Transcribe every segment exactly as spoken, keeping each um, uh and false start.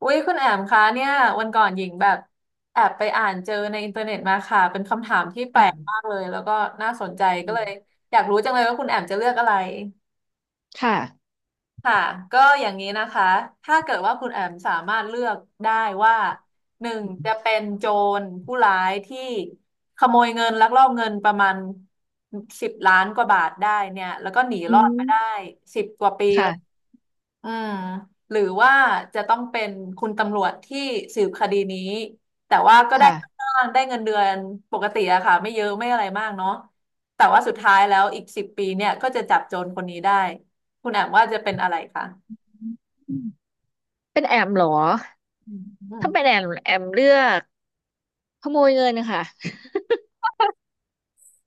อุ้ยคุณแอมคะเนี่ยวันก่อนหญิงแบบแอบไปอ่านเจอในอินเทอร์เน็ตมาค่ะเป็นคำถามที่แปลกค่ะมากเลยแล้วก็น่าสนใจอืก็มเลยอยากรู้จังเลยว่าคุณแอมจะเลือกอะไรค่ะค่ะก็อย่างนี้นะคะถ้าเกิดว่าคุณแอมสามารถเลือกได้ว่าหนึ่งจะเป็นโจรผู้ร้ายที่ขโมยเงินลักลอบเงินประมาณสิบล้านกว่าบาทได้เนี่ยแล้วก็หนีอืรอดมาได้มสิบกว่าปีเลย ค่ะ อืมหรือว่าจะต้องเป็นคุณตำรวจที่สืบคดีนี้แต่ว่าก็ได้ค่าค่ะจ้างได้เงินเดือนปกติอะค่ะไม่เยอะไม่อะไรมากเนาะแต่ว่าสุดท้ายแล้วอีกสิบปีเนี่ยก็จะจับโจรคนนี้ได้คุณแอมว่าจะเป็นอะไรคะอืมเป็นแอมเหรอ อืมถ้าเป็นแอมแอมเลือกขโมยเงินค่ะ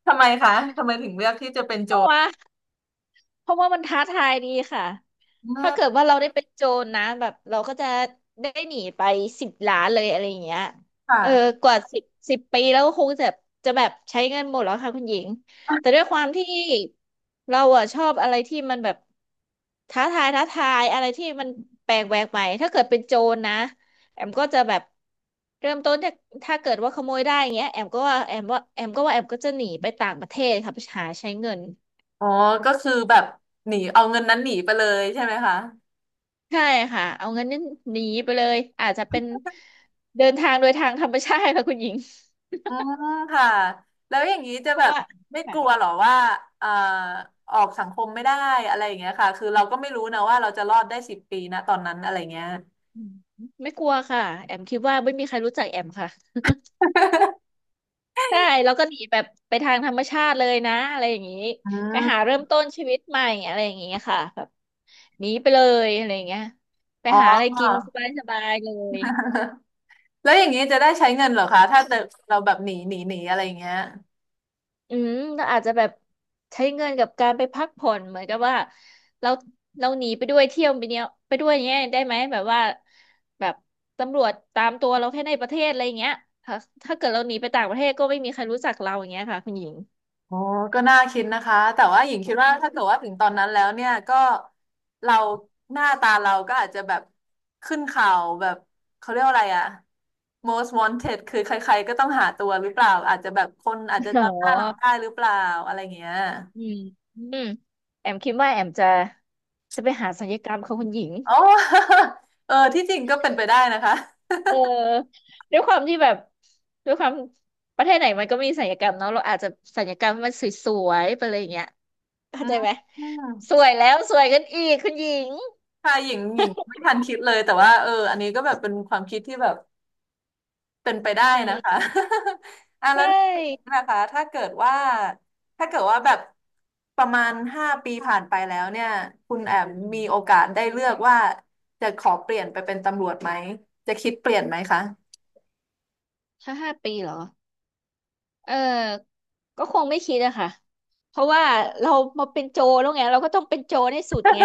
ทำไมคะทำไมถึงเลือกที่จะเป็นเพโจราะรว่าเพราะว่ามันท้าทายดีค่ะ อืถ้าเกิดมว่าเราได้เป็นโจรนะแบบเราก็จะได้หนีไปสิบล้านเลยอะไรอย่างเงี้ยคเออ่ะกว่าสิบสิบปีแล้วก็คงจะจะแบบใช้เงินหมดแล้วค่ะคุณหญิงแต่ด้วยความที่เราอะชอบอะไรที่มันแบบท้าทายท้าทายอะไรที่มันแปลกแหวกใหม่ถ้าเกิดเป็นโจรนะแอมก็จะแบบเริ่มต้นจากถ้าเกิดว่าขโมยได้อย่างเงี้ยแอมก็ว่าแอมว่าแอมก็ว่าแอมก็จะหนีไปต่างประเทศค่ะไปหาใช้เงิน อ๋อก็คือแบบหนีเอาเงินนั้นหนีไปเลยใช่ไหมคะ ใช่ค่ะเอางั้นนี่หนีไปเลยอาจจะเป็นเดินทางโดยทางธรรมชาติค่ะ คุณหญิงอืมค่ะแล้วอย่างนี้จะเพแบราะบว่าไม่กค่ะลัวเหรอว่าเอ่อออกสังคมไม่ได้อะไรอย่างเงี้ยค่ะคือเราก็ไม่รู้นะว่าเราจะรอดได้สิบปีนะตอนนั้นอะไรเงี้ยอืมไม่กลัวค่ะแอมคิดว่าไม่มีใครรู้จักแอมค่ะใช่แล้วก็หนีแบบไปทางธรรมชาติเลยนะอะไรอย่างนี้อืไปหามเริ่มต้นชีวิตใหม่อะไรอย่างนี้ค่ะแบบหนีไปเลยอะไรอย่างเงี้ยไปอ๋อ หาอะไรกินสบายๆเลย แล้วอย่างนี้จะได้ใช้เงินเหรอคะถ้าเราแบบหนีหนีหนีอะไรอย่างเงี้ย อืมเราอาจจะแบบใช้เงินกับการไปพักผ่อนเหมือนกับว่าเราเราหนีไปด้วยเที่ยวไปเนี้ยไปด้วยเนี้ยได้ไหมแบบว่าแบบตำรวจตามตัวเราแค่ในประเทศอะไรอย่างเงี้ยถ้าถ้าเกิดเราหนีไปต่างประเทศก็ไม่มีใครรู้จักเราอย่างเงี้ยค่ะคุณหญิงอ๋อก็น่าคิดนะคะแต่ว่าหญิงคิดว่าถ้าเกิดว่าถึงตอนนั้นแล้วเนี่ยก็เราหน้าตาเราก็อาจจะแบบขึ้นข่าวแบบเขาเรียกว่าอะไรอะ most wanted คือใครๆก็ต้องหาตัวหรือเปล่าอาจจะแบบคนอาจจะอ๋จำหน้าเราได้อหรือเปล่าอะไรเงี้ยอืมอืมแอมคิดว่าแอมจะจะไปหาศัลยกรรมค่ะคุณหญิงอ๋อ เออที่จริงก็เป็นไปได้นะคะเออด้วยความที่แบบด้วยความประเทศไหนมันก็มีศัลยกรรมเนาะเราอาจจะศัลยกรรมให้มันสวยๆไปเลยอย่างเงี้ยเข้าอืใจไหม มสวยแล้วสวยกันอีกคุณหญิงค่ะหญิงหญิงไม่ทันคิดเลยแต่ว่าเอออันนี้ก็แบบเป็นความคิดที่แบบ เป็นไปได้อืมนะคะ อ่ะแล้วใช่นอกจากนี้นะคะถ้าเกิดว่าถ้าเกิดว่าแบบประมาณห้าปีผ่านไปแล้วเนี่ยคุณแอมอืมีมโอกาสได้เลือกว่าจะขอเปลี่ยนไปเป็นตำรวจไหมจะคิดเปลี่ยนไหมคะถ้าห้าปีเหรอเออก็คงไม่คิดอะค่ะเพราะว่าเรามาเป็นโจรแล้วไงเราก็ต้องเป็นโจรให้สุดไง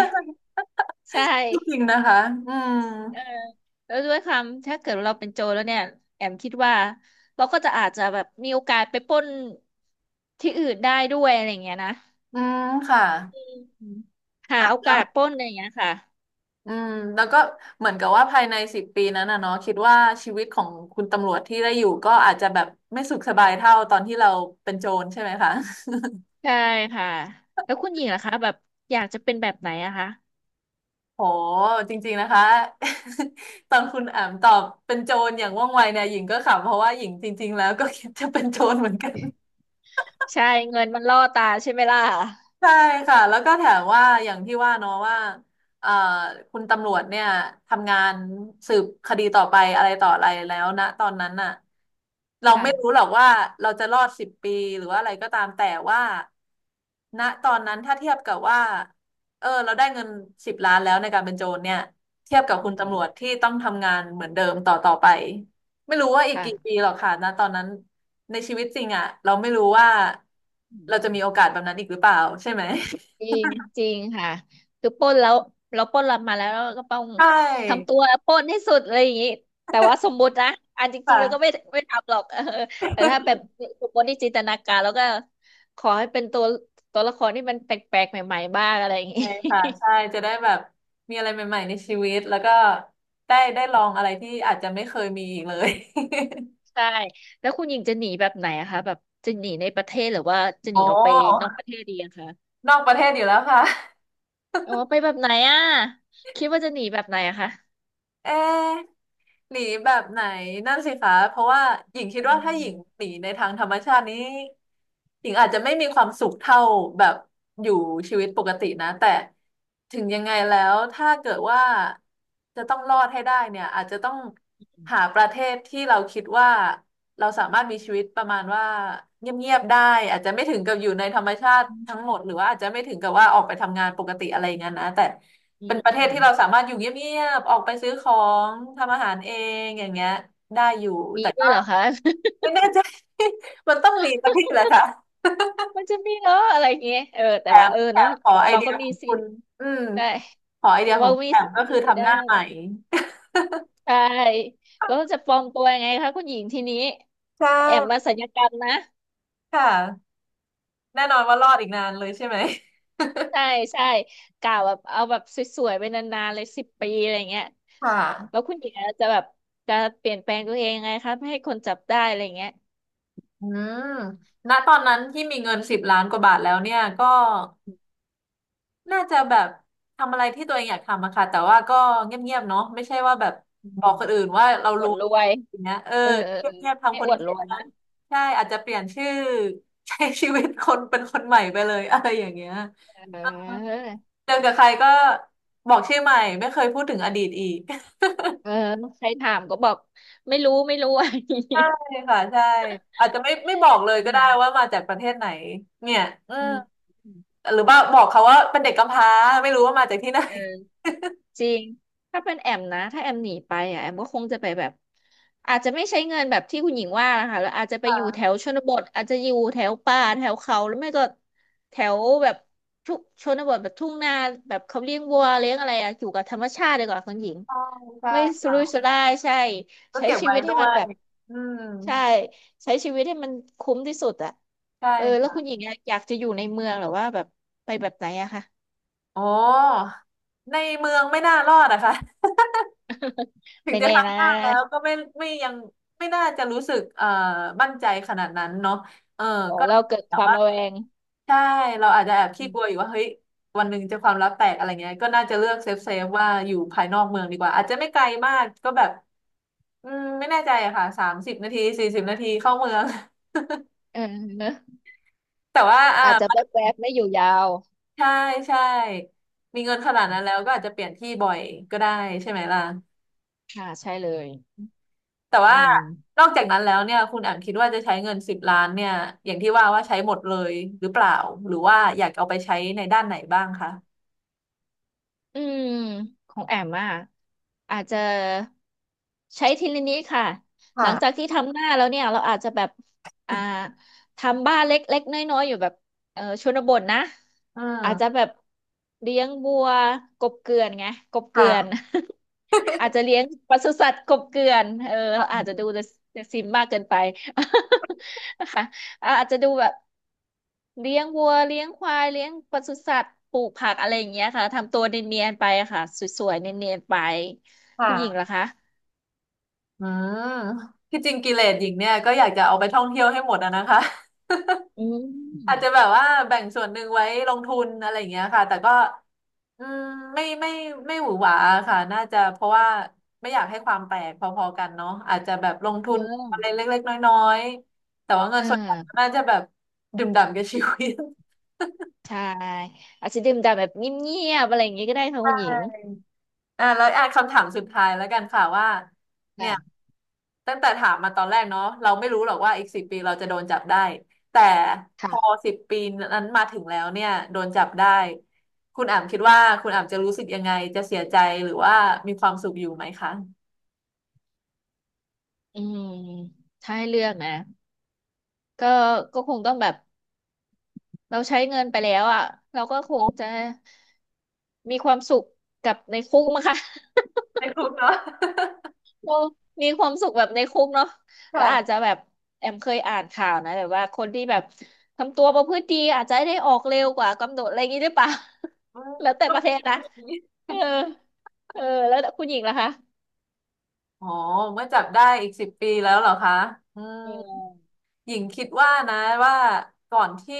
ใช่จริงนะคะอืมเออแล้วด้วยความถ้าเกิดเราเป็นโจรแล้วเนี่ยแอมคิดว่าเราก็จะอาจจะแบบมีโอกาสไปปล้นที่อื่นได้ด้วยอะไรอย่างเงี้ยนะอืมค่ะอืมหาอ่ะโอแล้กาวสปล้นอะไรอย่างเงี้ยค่ะอืมแล้วก็เหมือนกับว่าภายในสิบปีนั้นนะเนาะคิดว่าชีวิตของคุณตำรวจที่ได้อยู่ก็อาจจะแบบไม่สุขสบายเท่าตอนที่เราเป็นโจรใช่ไหมคะ ใช่ค่ะแล้วคุณหญิงล่ะคะแบบอยากจะเป็นแบบไหนอะคะ โหจริงๆนะคะ ตอนคุณอามตอบเป็นโจรอย่างว่องไวเนี่ยหญิงก็ขำเพราะว่าหญิงจริงๆแล้วก็คิดจะเป็นโจรเหมือนกัน ใช่เงินมันล่อตาใช่ไหมล่ะใช่ค่ะแล้วก็แถมว่าอย่างที่ว่าเนาะว่าเอ่อคุณตำรวจเนี่ยทำงานสืบคดีต่อไปอะไรต่ออะไรแล้วนะตอนนั้นน่ะเราไม่รู้ค่ะหรอกว่าเราจะรอดสิบปีหรือว่าอะไรก็ตามแต่ว่าณตอนนั้นถ้าเทียบกับว่าเออเราได้เงินสิบล้านแล้วในการเป็นโจรเนี่ยเทียบกับคุอืณมตำรวจที่ต้องทำงานเหมือนเดิมต่อต่อไป ไม่รู้ว่าอีกกี่ปีค่ะหรอกค่ะนะตอนนั้นในชีวิตจริงอ่ะเราไม่รู้ว่าอืเราจะมมีโอกาสแบบนั้นอีกหรือเปล่าใช่ไหม จริงจริงค่ะคือปล้นแล้วเราปล้นเรามาแล้วเราก็ต้อง ใชทำ่ตัวปล้นให้สุดอะไรอย่างนี้แต่ว่าสมมุตินะอันจริงๆเราก็ไม่ค่ะไม่ทำหรอก เออแต่ถ้าแบบสมมติที่จินตนาการแล้วก็ขอให้เป็นตัวตัวละครที่มันแปลกๆใหม่ๆบ้างอะไรอย่างนี้ ใช่ค่ะใช่จะได้แบบมีอะไรใหม่ๆในชีวิตแล้วก็ได้ได้ลองอะไรที่อาจจะไม่เคยมีอีกเลย ใช่แล้วคุณหญิงจะหนีแบบไหนอะคะแบบจะหนีในประเทศหรือว่าจะ หโอ้นีออกไปนอกประเทศดีอะคะ นอกประเทศอยู่แล้วค่ะ โอ้ไปแบบไหนอ่ะคิดว่าจะหนีแบบไหนอะคะเอ๊ะหนีแบบไหนนั่นสิคะเพราะว่าหญิงคิอืดว่าถ้าหญิงมหนีในทางธรรมชาตินี้หญิงอาจจะไม่มีความสุขเท่าแบบอยู่ชีวิตปกตินะแต่ถึงยังไงแล้วถ้าเกิดว่าจะต้องรอดให้ได้เนี่ยอาจจะต้องหาประเทศที่เราคิดว่าเราสามารถมีชีวิตประมาณว่าเงียบๆได้อาจจะไม่ถึงกับอยู่ในธรรมชาติทั้งหมดหรือว่าอาจจะไม่ถึงกับว่าออกไปทำงานปกติอะไรอย่างนั้นนะแต่ เป็นประเทศที่เรามสามารถอยู่เงียบๆออกไปซื้อของทำอาหารเองอย่างเงี้ยได้อยู่ีแต่ด้วก็ยเหรอคะ ไม่แน่ใจ มันต้องมีสักที่แหละค่ะ มันจะมีเหรออะไรอย่างเงี้ยเออแต่แถว่ามเออแถเนาะมขอแต่ไอเราเดีก็ยขมีองสิคุทณธิ์อืมใช่ขอไอเดีเพยราะขอว่างคุณมีแถสิมทธิก็คือ์คือทำได้หน้าใหม่ใช่แล้วจะปลอมตัวยังไงคะคุณหญิงทีนี้ใช่แอมมาศัลยกรรมนะค่ะแน่นอนว่ารอดอีกนานเลยใช่ไหมใช่ใช่กล่าวแบบเอาแบบสวยๆไปนานๆเลยสิบปีอะไรเงี้ยค่ะแล้วคุณหญิงอาจจะแบบจะเปลี่ยนแปลงตัวเองยังไงคะไม่ให้คนจับได้อะไรเงี้ย อืมณตอนนั้นที่มีเงินสิบล้านกว่าบาทแล้วเนี่ยก็ น่าจะแบบทำอะไรที่ตัวเองอยากทำอะค่ะแต่ว่าก็เงียบๆเนาะไม่ใช่ว่าแบบบอกคนอื่นว่าเราอวรู้ดรวยอย่างเงี้ยเออเออเออเออเงียบๆให้ทำคอนวดเดีรวยยวนะใช่อาจจะเปลี่ยนชื่อใช้ชีวิตคนเป็นคนใหม่ไปเลย อะไรอย่างเงี้ยเอเอออเจอกับใครก็บอกชื่อใหม่ไม่เคยพูดถึงอดีตอีก เออใครถามก็บอกไม่รู้ไม่รู้อะไรอย่างงี้ใช่ค่ะใช่อาจจะไม่ไม่บอกเลเอยก็ได้อว่ามาจากประเทศไหนเนี่ยอือืมมหรือว่าบอกเขาว่าเป็นเด็กกำพร้าไม่รู้ว่ามาจากที่ไหน เออ จริง ถ้าเป็นแอมนะถ้าแอมหนีไปอ่ะแอมก็คงจะไปแบบอาจจะไม่ใช้เงินแบบที่คุณหญิงว่านะคะแล้วอาจจะ ไปคอยู่แถว่ะชนบทอาจจะอยู่แถวป่าแถวเขาหรือไม่ก็แถวแบบทุกชนบทแบบทุ่งนาแบบเขาเลี้ยงวัวเลี้ยงอะไรอะอยู่กับธรรมชาติดีกว่าคุณหญิงใช่ใช่ไม่สุค่ะ รุ่ยสุร่ายใช่ก็ใช้เก็บชีไว้วิตให้ด้วมันยแบบอืมใช่ใช้ชีวิตให้มันคุ้มที่สุดอะใช่เออแล้วคุณค่ะหญิงอะอยากจะอยู่ในเมืองหรือว่าแบบไปแบบไหนอะคะอ๋อในเมืองไม่น่ารอดอะค่ะ ถึงไม่จะแน่นะ ทำห้างแล้วก็ไม่ไม่ยังไม่น่าจะรู้สึกเอ่อมั่นใจขนาดนั้นเนาะเออโอ้ก็เราเกิดแต่ความว่าระแวงใช่ เราอาจจะแอบอืขี้กลัวอมยู่ว่าเฮ้ยวันหนึ่งจะความลับแตกอะไรเงี้ยก็น่าจะเลือกเซฟเซฟว่าอยู่ภายนอกเมืองดีกว่า อาจจะไม่ไกลมากก็แบบอืมไม่แน่ใจอะค่ะสามสิบนาทีสี่สิบนาทีเข้าเมือง เออเนอะแต่ว่าอ่า อาจจะแวบๆไม่อยู่ยาวใช่ใช่มีเงินขนาดนั้นแล้วก็อาจจะเปลี่ยนที่บ่อยก็ได้ใช่ไหมล่ะค่ะใช่เลยแต่อืว่าม นอกจากนั้นแล้วเนี่ยคุณแอมคิดว่าจะใช้เงินสิบล้านเนี่ยอย่างที่ว่าว่าใช้หมดเลยหรือเปล่าหรือว่าอยากเอาไปใช้ในด้านไหนบ้างคะอืมของแอมอ่ะอาจจะใช้ทีละนิดค่ะหลังจากค่ะที่ทำหน้าแล้วเนี่ยเราอาจจะแบบอ่าทำบ้านเล็กๆน้อยๆอยู่แบบเออชนบทนะอือาจจะมแบบเลี้ยงบัวกบเกลื่อนไงกบเกลื่อน ค่ะ อาจจะเลี้ยงปศุสัตว์กบเกลื่อนเออเราค่ะอาจจะดูแต่แต่ซิมมากเกินไป นะคะ อ่ะอาจจะดูแบบเลี้ยงวัวเลี้ยงควายเลี้ยงปศุสัตว์ปลูกผักอะไรอย่างเงี้ยค่ะทำตัวเนียนๆไปค่ะสวยๆเนียนๆไปคุณหญิงเหรอค่ะคะอืมที่จริงกิเลสหญิงเนี่ยก็อยากจะเอาไปท่องเที่ยวให้หมดอะนะคะ อือาจมจะแบบว่าแบ่งส่วนหนึ่งไว้ลงทุนอะไรอย่างเงี้ยค่ะแต่ก็อืมไม่ไม่ไม่หวือหวาค่ะน่าจะเพราะว่าไม่อยากให้ความแตกพอๆกันเนาะอาจจะแบบลงทุเอนอะไรอเล็กๆน้อยๆแต่ว่าเงินอ่ส่วนใหญ่าน่าจะแบบดื่มด่ำกับชีวิต ใช่อาจจะดื่มด่ำแบบเงียบๆอะไรอย่างเงี้ยก็ได้ค่ะคุณหญิง อ่าแล้วอ่ะคำถามสุดท้ายแล้วกันค่ะว่าเนี่ย นะตั้งแต่ถามมาตอนแรกเนาะเราไม่รู้หรอกว่าอีกสิบปีเราจะโดนจับได้แต่พอค่ะสิบปีนั้นมาถึงแล้วเนี่ยโดนจับได้คุณอ่ำคิดว่าคุณอ่ำจะรู้สึกยังไงจะเสียใจหรือว่ามีความสุขอยู่ไหมคะอืมถ้าให้เลือกนะก็ก็คงต้องแบบเราใช้เงินไปแล้วอ่ะเราก็คงจะมีความสุขกับในคุกมั้งคะ ไม่รู้เนาะ เรามีความสุขแบบในคุกเนาะ แล้วอาจจะค่ะแบบแอมเคยอ่านข่าวนะแบบว่าคนที่แบบทำตัวประพฤติดีอาจจะได้ออกเร็วกว่ากำหนดอะไรอย่างนี้หรือเปล่า อืม แล้วแต่ก็ประเทมีศนะก็มีเออเออแล้วคุณหญิงล่ะคะอ๋อเมื่อจับได้อีกสิบปีแล้วเหรอคะอืมอืมหญิงคิดว่านะว่าก่อนที่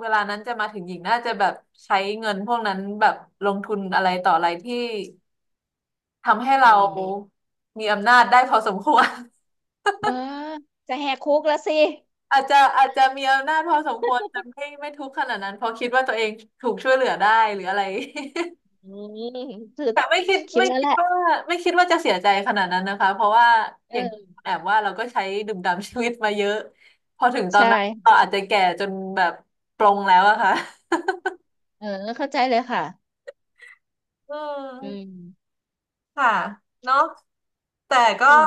เวลานั้นจะมาถึงหญิงน่าจะแบบใช้เงินพวกนั้นแบบลงทุนอะไรต่ออะไรที่ ทำให้อืเรามมีอำนาจได้พอสมควร เออจะแหกคุกแล้วสิอาจจะอาจจะมีอำนาจพอสมควรแต่ไม่ไม่ทุกข์ขนาดนั้นเพราะคิดว่าตัวเองถูกช่วยเหลือได้หรืออะไร อืมคือ แต่ไม่คิดคิดไม่แล้วคิแหดละว่าไม่คิดว่าจะเสียใจขนาดนั้นนะคะเพราะว่าเออย่างอแอบว่าเราก็ใช้ดื่มด่ำชีวิตมาเยอะพอถึงตใอนนั้นช่เราอาจจะแก่จนแบบปลงแล้วอะค่ะเออเข้าใจเลยค่ะอือืมมค่ะเนาะแต่ก็ อืม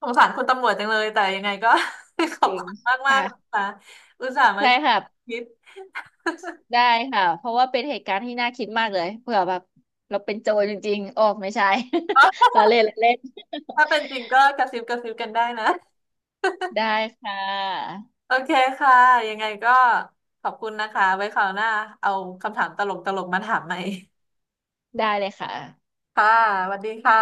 สงสารคุณตำรวจจังเลยแต่ยังไงก็ ขอจบริงคุณมากมากค่ะนะคะอุตส่าห์มาใช่ค่ะ คิดได้ค่ะ เพราะว่าเป็นเหตุการณ์ที่น่าคิดมากเลยเผื่อแบบเราเป็นโจรจริงๆ ออกไม่ใช่ เอ้อ เราเล่นเราเล่น ถ้าเป็นจริงก็กระซิบกระซิบกันได้นะ ได้ค่ะโอเคค่ะยังไงก็ขอบคุณนะคะไว้คราวหน้าเอาคำถามตลกตลกมาถามใหม่ได้เลยค่ะค่ะสวัสดีค่ะ